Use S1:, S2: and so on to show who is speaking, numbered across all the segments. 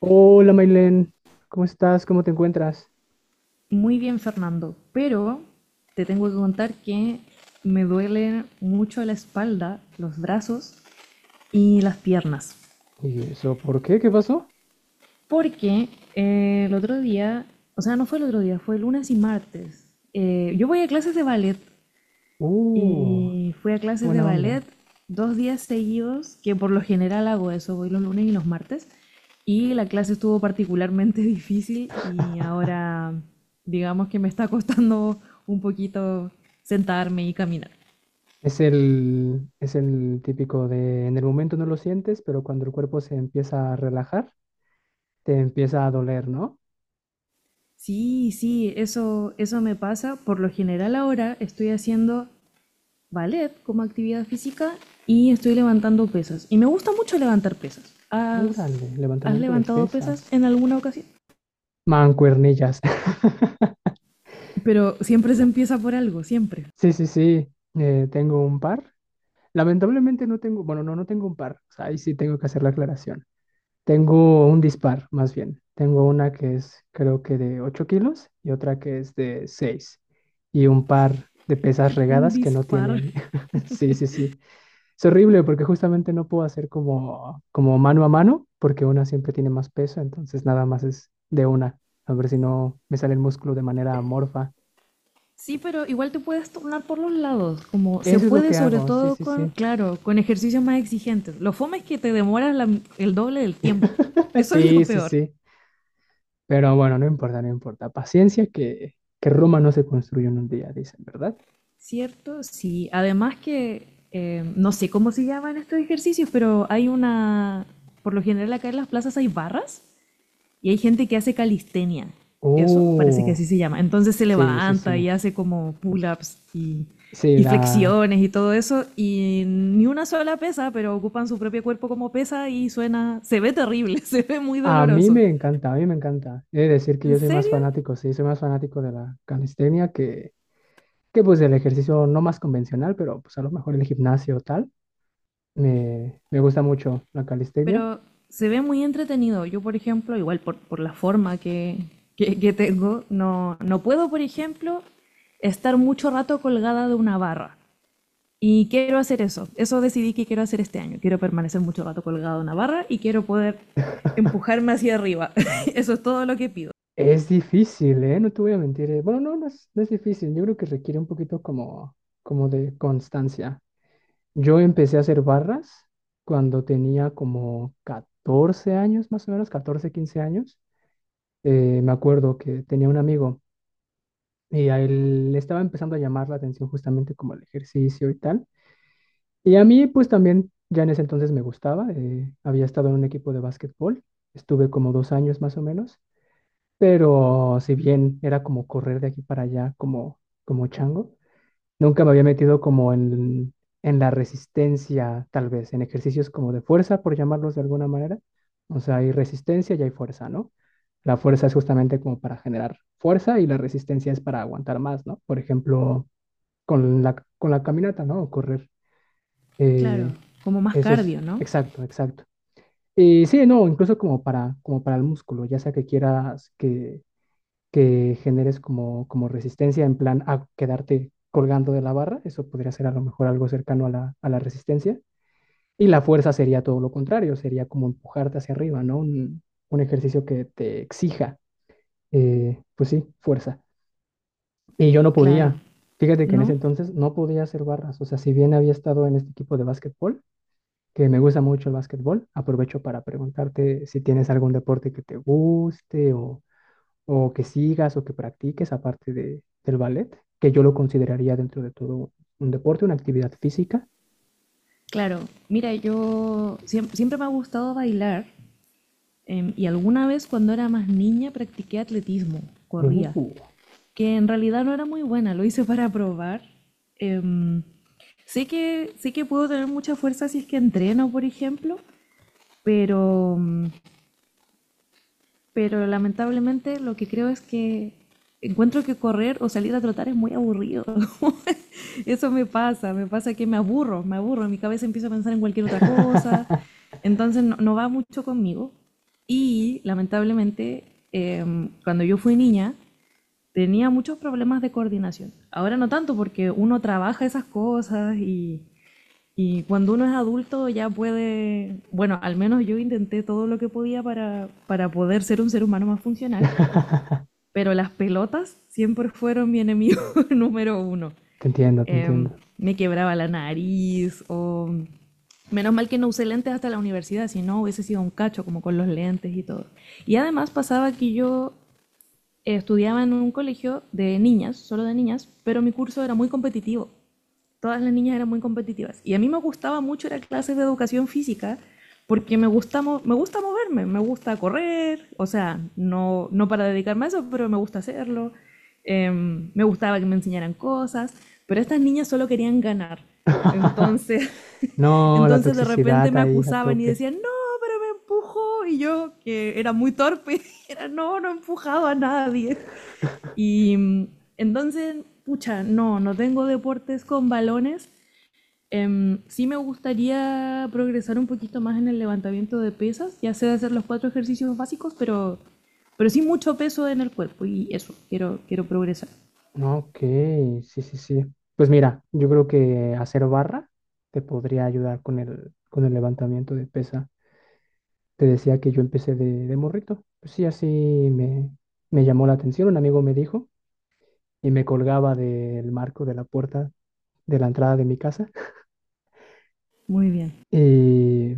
S1: Hola, Maylen, ¿cómo estás? ¿Cómo te encuentras?
S2: Muy bien, Fernando, pero te tengo que contar que me duele mucho la espalda, los brazos y las piernas.
S1: ¿Y eso por qué? ¿Qué pasó?
S2: Porque el otro día, o sea, no fue el otro día, fue lunes y martes. Yo voy a clases de ballet.
S1: Uh,
S2: Y fui a
S1: qué
S2: clases de
S1: buena
S2: ballet
S1: onda.
S2: dos días seguidos, que por lo general hago eso, voy los lunes y los martes. Y la clase estuvo particularmente difícil y ahora digamos que me está costando un poquito sentarme y caminar.
S1: Es el típico de en el momento no lo sientes, pero cuando el cuerpo se empieza a relajar, te empieza a doler, ¿no?
S2: Sí, sí, eso me pasa. Por lo general ahora estoy haciendo ballet como actividad física y estoy levantando pesas. Y me gusta mucho levantar pesas. ¿Has,
S1: Órale,
S2: has
S1: levantamiento de
S2: levantado pesas
S1: pesas.
S2: en alguna ocasión?
S1: Mancuernillas.
S2: Pero siempre se empieza por algo, siempre.
S1: Sí, sí, sí, tengo un par. Lamentablemente no tengo, bueno, no tengo un par. O sea, ahí sí tengo que hacer la aclaración. Tengo un dispar, más bien. Tengo una que es, creo que de 8 kilos, y otra que es de seis. Y un par de pesas
S2: Un
S1: regadas que no
S2: disparo.
S1: tienen. Sí, sí, sí. Es horrible porque justamente no puedo hacer como, como mano a mano porque una siempre tiene más peso, entonces nada más es de una. A ver si no me sale el músculo de manera amorfa.
S2: Sí, pero igual te puedes tornar por los lados, como se
S1: Eso es lo
S2: puede
S1: que
S2: sobre
S1: hago, sí,
S2: todo
S1: sí,
S2: con,
S1: sí.
S2: claro, con ejercicios más exigentes. Lo fome es que te demoras el doble del tiempo. Eso es lo
S1: Sí, sí,
S2: peor.
S1: sí. Pero bueno, no importa, no importa. Paciencia que Roma no se construye en un día, dicen, ¿verdad?
S2: ¿Cierto? Sí. Además que, no sé cómo se llaman estos ejercicios, pero hay una, por lo general acá en las plazas hay barras y hay gente que hace calistenia. Eso parece que
S1: Oh,
S2: así se llama. Entonces se
S1: sí, sí,
S2: levanta
S1: sí.
S2: y hace como pull-ups
S1: Sí,
S2: y
S1: la...
S2: flexiones y todo eso. Y ni una sola pesa, pero ocupan su propio cuerpo como pesa y suena. Se ve terrible, se ve muy
S1: A mí
S2: doloroso.
S1: me encanta, a mí me encanta. He de decir que
S2: ¿En
S1: yo soy más
S2: serio?
S1: fanático, sí, soy más fanático de la calistenia que pues del ejercicio no más convencional, pero pues a lo mejor el gimnasio o tal. Me gusta mucho la calistenia.
S2: Pero se ve muy entretenido. Yo, por ejemplo, igual por la forma que tengo, no, no puedo, por ejemplo, estar mucho rato colgada de una barra. Y quiero hacer eso. Eso decidí que quiero hacer este año. Quiero permanecer mucho rato colgado en una barra y quiero poder empujarme hacia arriba. Eso es todo lo que pido.
S1: Es difícil, ¿eh? No te voy a mentir. Bueno, no, no es difícil. Yo creo que requiere un poquito como de constancia. Yo empecé a hacer barras cuando tenía como 14 años, más o menos, 14 15 años. Me acuerdo que tenía un amigo y a él le estaba empezando a llamar la atención justamente como el ejercicio y tal. Y a mí pues también ya en ese entonces me gustaba. Había estado en un equipo de básquetbol, estuve como 2 años más o menos, pero si bien era como correr de aquí para allá como chango, nunca me había metido como en la resistencia, tal vez, en ejercicios como de fuerza, por llamarlos de alguna manera. O sea, hay resistencia y hay fuerza, ¿no? La fuerza es justamente como para generar fuerza y la resistencia es para aguantar más, ¿no? Por ejemplo, con la caminata, ¿no? O correr.
S2: Claro,
S1: Eh,
S2: como más
S1: eso es,
S2: cardio, ¿no?
S1: exacto, exacto. Y sí, no, incluso como para el músculo, ya sea que quieras que generes como resistencia en plan a quedarte colgando de la barra, eso podría ser a lo mejor algo cercano a la resistencia. Y la fuerza sería todo lo contrario, sería como empujarte hacia arriba, ¿no? Un ejercicio que te exija, pues sí, fuerza. Y yo no
S2: Claro.
S1: podía, fíjate que en ese
S2: ¿No?
S1: entonces no podía hacer barras, o sea, si bien había estado en este equipo de básquetbol, que me gusta mucho el básquetbol, aprovecho para preguntarte si tienes algún deporte que te guste o que sigas o que practiques aparte del ballet, que yo lo consideraría dentro de todo un deporte, una actividad física.
S2: Claro. Mira, yo... Siempre me ha gustado bailar, y alguna vez cuando era más niña practiqué atletismo, corría,
S1: Uh.
S2: que en realidad no era muy buena, lo hice para probar. Em, Sé sé que puedo tener mucha fuerza si es que entreno, por ejemplo. Pero, pero lamentablemente lo que creo es que encuentro que correr o salir a trotar es muy aburrido. Eso me pasa que me aburro, mi cabeza empieza a pensar en cualquier otra cosa, entonces no, no va mucho conmigo. Y lamentablemente, cuando yo fui niña, tenía muchos problemas de coordinación. Ahora no tanto porque uno trabaja esas cosas y cuando uno es adulto ya puede, bueno, al menos yo intenté todo lo que podía para poder ser un ser humano más funcional, pero las pelotas siempre fueron mi enemigo número uno.
S1: Te entiendo, te
S2: Eh,
S1: entiendo.
S2: Me quebraba la nariz o... Menos mal que no usé lentes hasta la universidad, si no hubiese sido un cacho como con los lentes y todo. Y además pasaba que yo estudiaba en un colegio de niñas, solo de niñas, pero mi curso era muy competitivo, todas las niñas eran muy competitivas. Y a mí me gustaba mucho ir a clases de educación física porque me gusta moverme, me gusta correr, o sea, no, no para dedicarme a eso, pero me gusta hacerlo. Me gustaba que me enseñaran cosas, pero estas niñas solo querían ganar. Entonces,
S1: No, la
S2: entonces de repente
S1: toxicidad
S2: me
S1: ahí a
S2: acusaban y
S1: tope.
S2: decían, no, pero me empujó. Y yo, que era muy torpe, era, no, no he empujado a nadie. Y entonces, pucha, no, no tengo deportes con balones. Sí me gustaría progresar un poquito más en el levantamiento de pesas. Ya sé hacer los cuatro ejercicios básicos, pero sí mucho peso en el cuerpo y eso, quiero, quiero progresar.
S1: No, Ok, sí, sí, sí. Pues mira, yo creo que hacer barra te podría ayudar con el levantamiento de pesa. Te decía que yo empecé de morrito. Pues sí, así me llamó la atención. Un amigo me dijo y me colgaba del marco de la puerta de la entrada de mi casa.
S2: Muy bien.
S1: Y,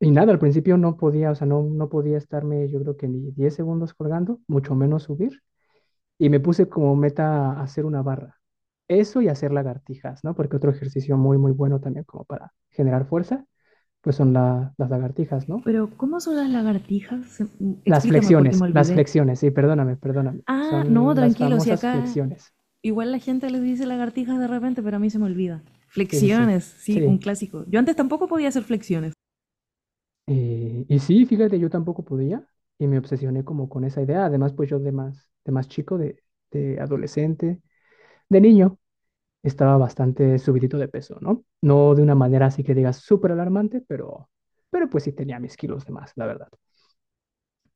S1: y nada, al principio no podía, o sea, no podía estarme yo creo que ni 10 segundos colgando, mucho menos subir. Y me puse como meta hacer una barra. Eso y hacer lagartijas, ¿no? Porque otro ejercicio muy, muy bueno también como para generar fuerza, pues son las lagartijas, ¿no?
S2: Pero, ¿cómo son las lagartijas? Explícame porque me
S1: Las
S2: olvidé.
S1: flexiones, sí, perdóname, perdóname.
S2: Ah, no,
S1: Son las
S2: tranquilo, si
S1: famosas
S2: acá
S1: flexiones.
S2: igual la gente les dice lagartijas de repente, pero a mí se me olvida.
S1: Sí, sí, sí.
S2: Flexiones, sí, un
S1: Sí,
S2: clásico. Yo antes tampoco podía hacer flexiones.
S1: Y sí, fíjate, yo tampoco podía y me obsesioné como con esa idea. Además, pues yo de más chico, de adolescente, de niño, estaba bastante subidito de peso, ¿no? No de una manera así que digas súper alarmante, pero pues sí tenía mis kilos de más, la verdad.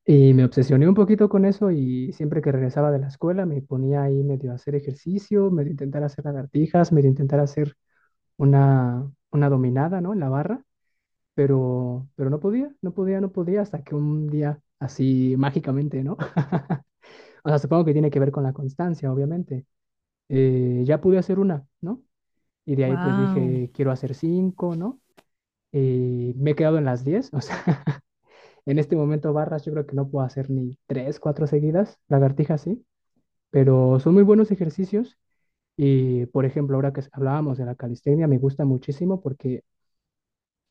S1: Y me obsesioné un poquito con eso y siempre que regresaba de la escuela me ponía ahí medio a hacer ejercicio, medio a intentar hacer lagartijas, medio a intentar hacer una dominada, ¿no? En la barra, pero no podía, no podía, no podía, hasta que un día así mágicamente, ¿no? O sea, supongo que tiene que ver con la constancia, obviamente. Ya pude hacer una, ¿no? Y de ahí pues
S2: Wow.
S1: dije, quiero hacer cinco, ¿no? Y me he quedado en las 10, o sea, en este momento barras yo creo que no puedo hacer ni tres, cuatro seguidas, lagartijas sí, pero son muy buenos ejercicios. Y por ejemplo, ahora que hablábamos de la calistenia, me gusta muchísimo porque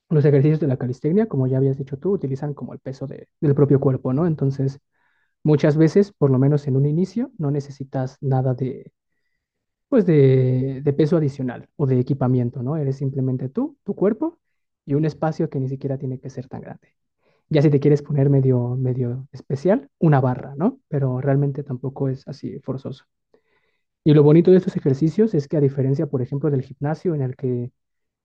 S1: los ejercicios de la calistenia, como ya habías dicho tú, utilizan como el peso del propio cuerpo, ¿no? Entonces, muchas veces, por lo menos en un inicio, no necesitas nada de peso adicional o de equipamiento, ¿no? Eres simplemente tú, tu cuerpo y un espacio que ni siquiera tiene que ser tan grande. Ya si te quieres poner medio, medio especial, una barra, ¿no? Pero realmente tampoco es así forzoso. Y lo bonito de estos ejercicios es que a diferencia, por ejemplo, del gimnasio en el que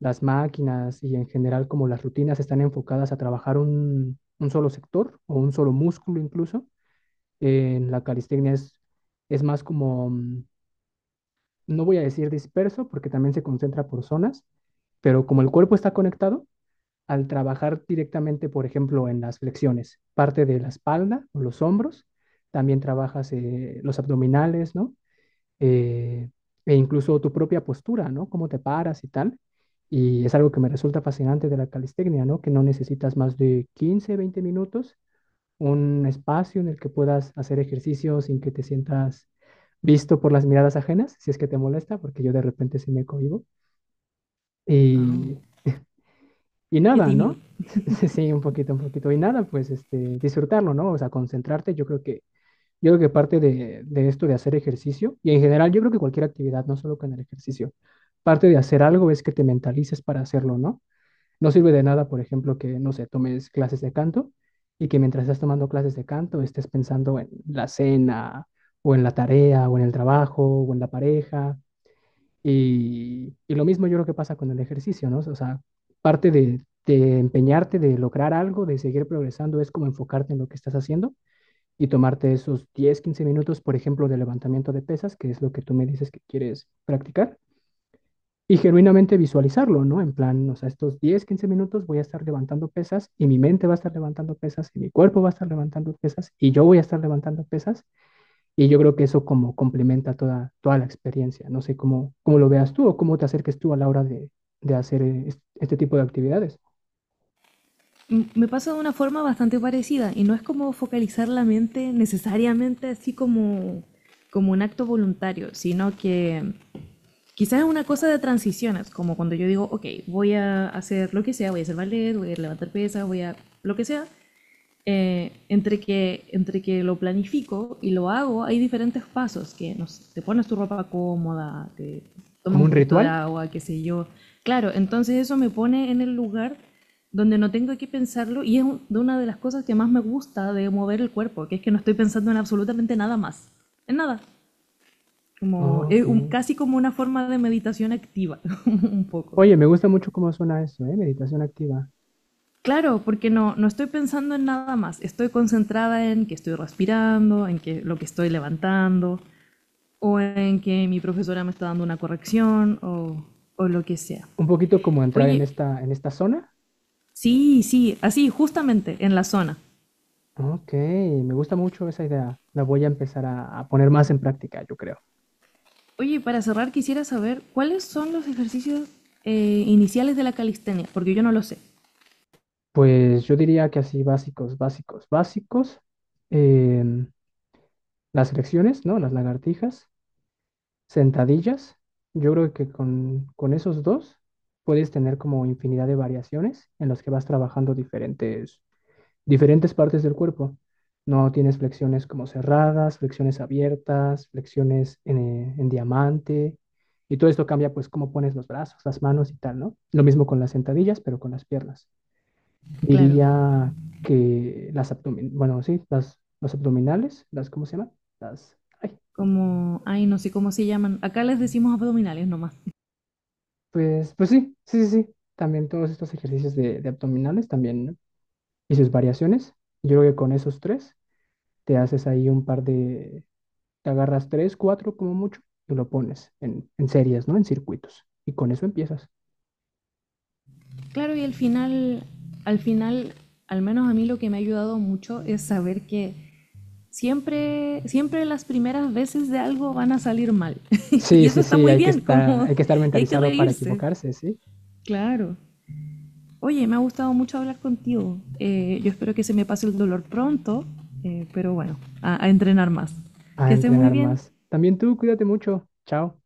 S1: las máquinas y en general como las rutinas están enfocadas a trabajar un solo sector o un solo músculo incluso, en la calistenia es más como, no voy a decir disperso porque también se concentra por zonas, pero como el cuerpo está conectado, al trabajar directamente, por ejemplo, en las flexiones, parte de la espalda o los hombros, también trabajas los abdominales, ¿no? eh, e incluso tu propia postura, ¿no? Cómo te paras y tal. Y es algo que me resulta fascinante de la calistecnia, ¿no? Que no necesitas más de 15, 20 minutos, un espacio en el que puedas hacer ejercicio sin que te sientas visto por las miradas ajenas, si es que te molesta, porque yo de repente sí me cohibo. Y, y
S2: Qué
S1: nada,
S2: tímido.
S1: ¿no? Sí, un poquito, un poquito. Y nada, pues este, disfrutarlo, ¿no? O sea, concentrarte. Yo creo que parte de esto de hacer ejercicio, y en general yo creo que cualquier actividad, no solo con el ejercicio, parte de hacer algo es que te mentalices para hacerlo, ¿no? No sirve de nada, por ejemplo, que, no sé, tomes clases de canto y que mientras estás tomando clases de canto estés pensando en la cena o en la tarea o en el trabajo o en la pareja. Y lo mismo yo creo que pasa con el ejercicio, ¿no? O sea, parte de empeñarte, de lograr algo, de seguir progresando, es como enfocarte en lo que estás haciendo y tomarte esos 10 15 minutos, por ejemplo, de levantamiento de pesas, que es lo que tú me dices que quieres practicar, y genuinamente visualizarlo, ¿no? En plan, o sea, estos 10 15 minutos voy a estar levantando pesas y mi mente va a estar levantando pesas y mi cuerpo va a estar levantando pesas y yo voy a estar levantando pesas y yo creo que eso como complementa toda, toda la experiencia. No sé cómo lo veas tú o cómo te acerques tú a la hora de hacer este tipo de actividades.
S2: Me pasa de una forma bastante parecida y no es como focalizar la mente necesariamente así como, como un acto voluntario, sino que quizás es una cosa de transiciones, como cuando yo digo, ok, voy a hacer lo que sea, voy a hacer ballet, voy a levantar pesas, voy a lo que sea, entre que lo planifico y lo hago, hay diferentes pasos, que no te pones tu ropa cómoda, te tomas
S1: ¿Como
S2: un
S1: un
S2: poquito de
S1: ritual?
S2: agua, qué sé yo. Claro, entonces eso me pone en el lugar donde no tengo que pensarlo y es una de las cosas que más me gusta de mover el cuerpo, que es que no estoy pensando en absolutamente nada más, en nada. Como,
S1: Oh, Ok.
S2: casi como una forma de meditación activa, un poco.
S1: Oye, me gusta mucho cómo suena eso, ¿eh? Meditación activa.
S2: Claro, porque no, no estoy pensando en nada más. Estoy concentrada en que estoy respirando, en que lo que estoy levantando, o en que mi profesora me está dando una corrección, o lo que sea.
S1: Un poquito como entrar
S2: Oye,
S1: en esta zona.
S2: sí, sí, así, justamente, en la zona.
S1: Ok, me gusta mucho esa idea. La voy a empezar a poner más en práctica, yo creo.
S2: Oye, para cerrar quisiera saber cuáles son los ejercicios iniciales de la calistenia, porque yo no lo sé.
S1: Pues yo diría que así básicos, básicos, básicos. em, las flexiones, ¿no? Las lagartijas, sentadillas. Yo creo que con esos dos puedes tener como infinidad de variaciones en las que vas trabajando diferentes partes del cuerpo. No tienes flexiones como cerradas, flexiones abiertas, flexiones en diamante. Y todo esto cambia pues cómo pones los brazos, las manos y tal, ¿no? Lo mismo con las sentadillas, pero con las piernas.
S2: Claro,
S1: Diría que las abdominales, bueno, sí, las, los abdominales, las, ¿cómo se llaman? Las, ay,
S2: como, ay, no sé cómo se llaman. Acá les decimos abdominales nomás.
S1: pues sí, sí, sí, sí. También todos estos ejercicios de abdominales también, ¿no? Y sus variaciones. Yo creo que con esos tres te haces ahí te agarras tres, cuatro como mucho y lo pones en series, ¿no? En circuitos. Y con eso empiezas.
S2: Claro, y al final, al final, al menos a mí lo que me ha ayudado mucho es saber que siempre, siempre las primeras veces de algo van a salir mal. Y
S1: Sí,
S2: eso
S1: sí,
S2: está
S1: sí,
S2: muy
S1: hay que
S2: bien,
S1: estar,
S2: como,
S1: hay que estar
S2: y hay que
S1: mentalizado para
S2: reírse.
S1: equivocarse, ¿sí?
S2: Claro. Oye, me ha gustado mucho hablar contigo. Yo espero que se me pase el dolor pronto, pero bueno, a entrenar más.
S1: A
S2: Que estés muy
S1: entrenar
S2: bien.
S1: más. También tú, cuídate mucho. Chao.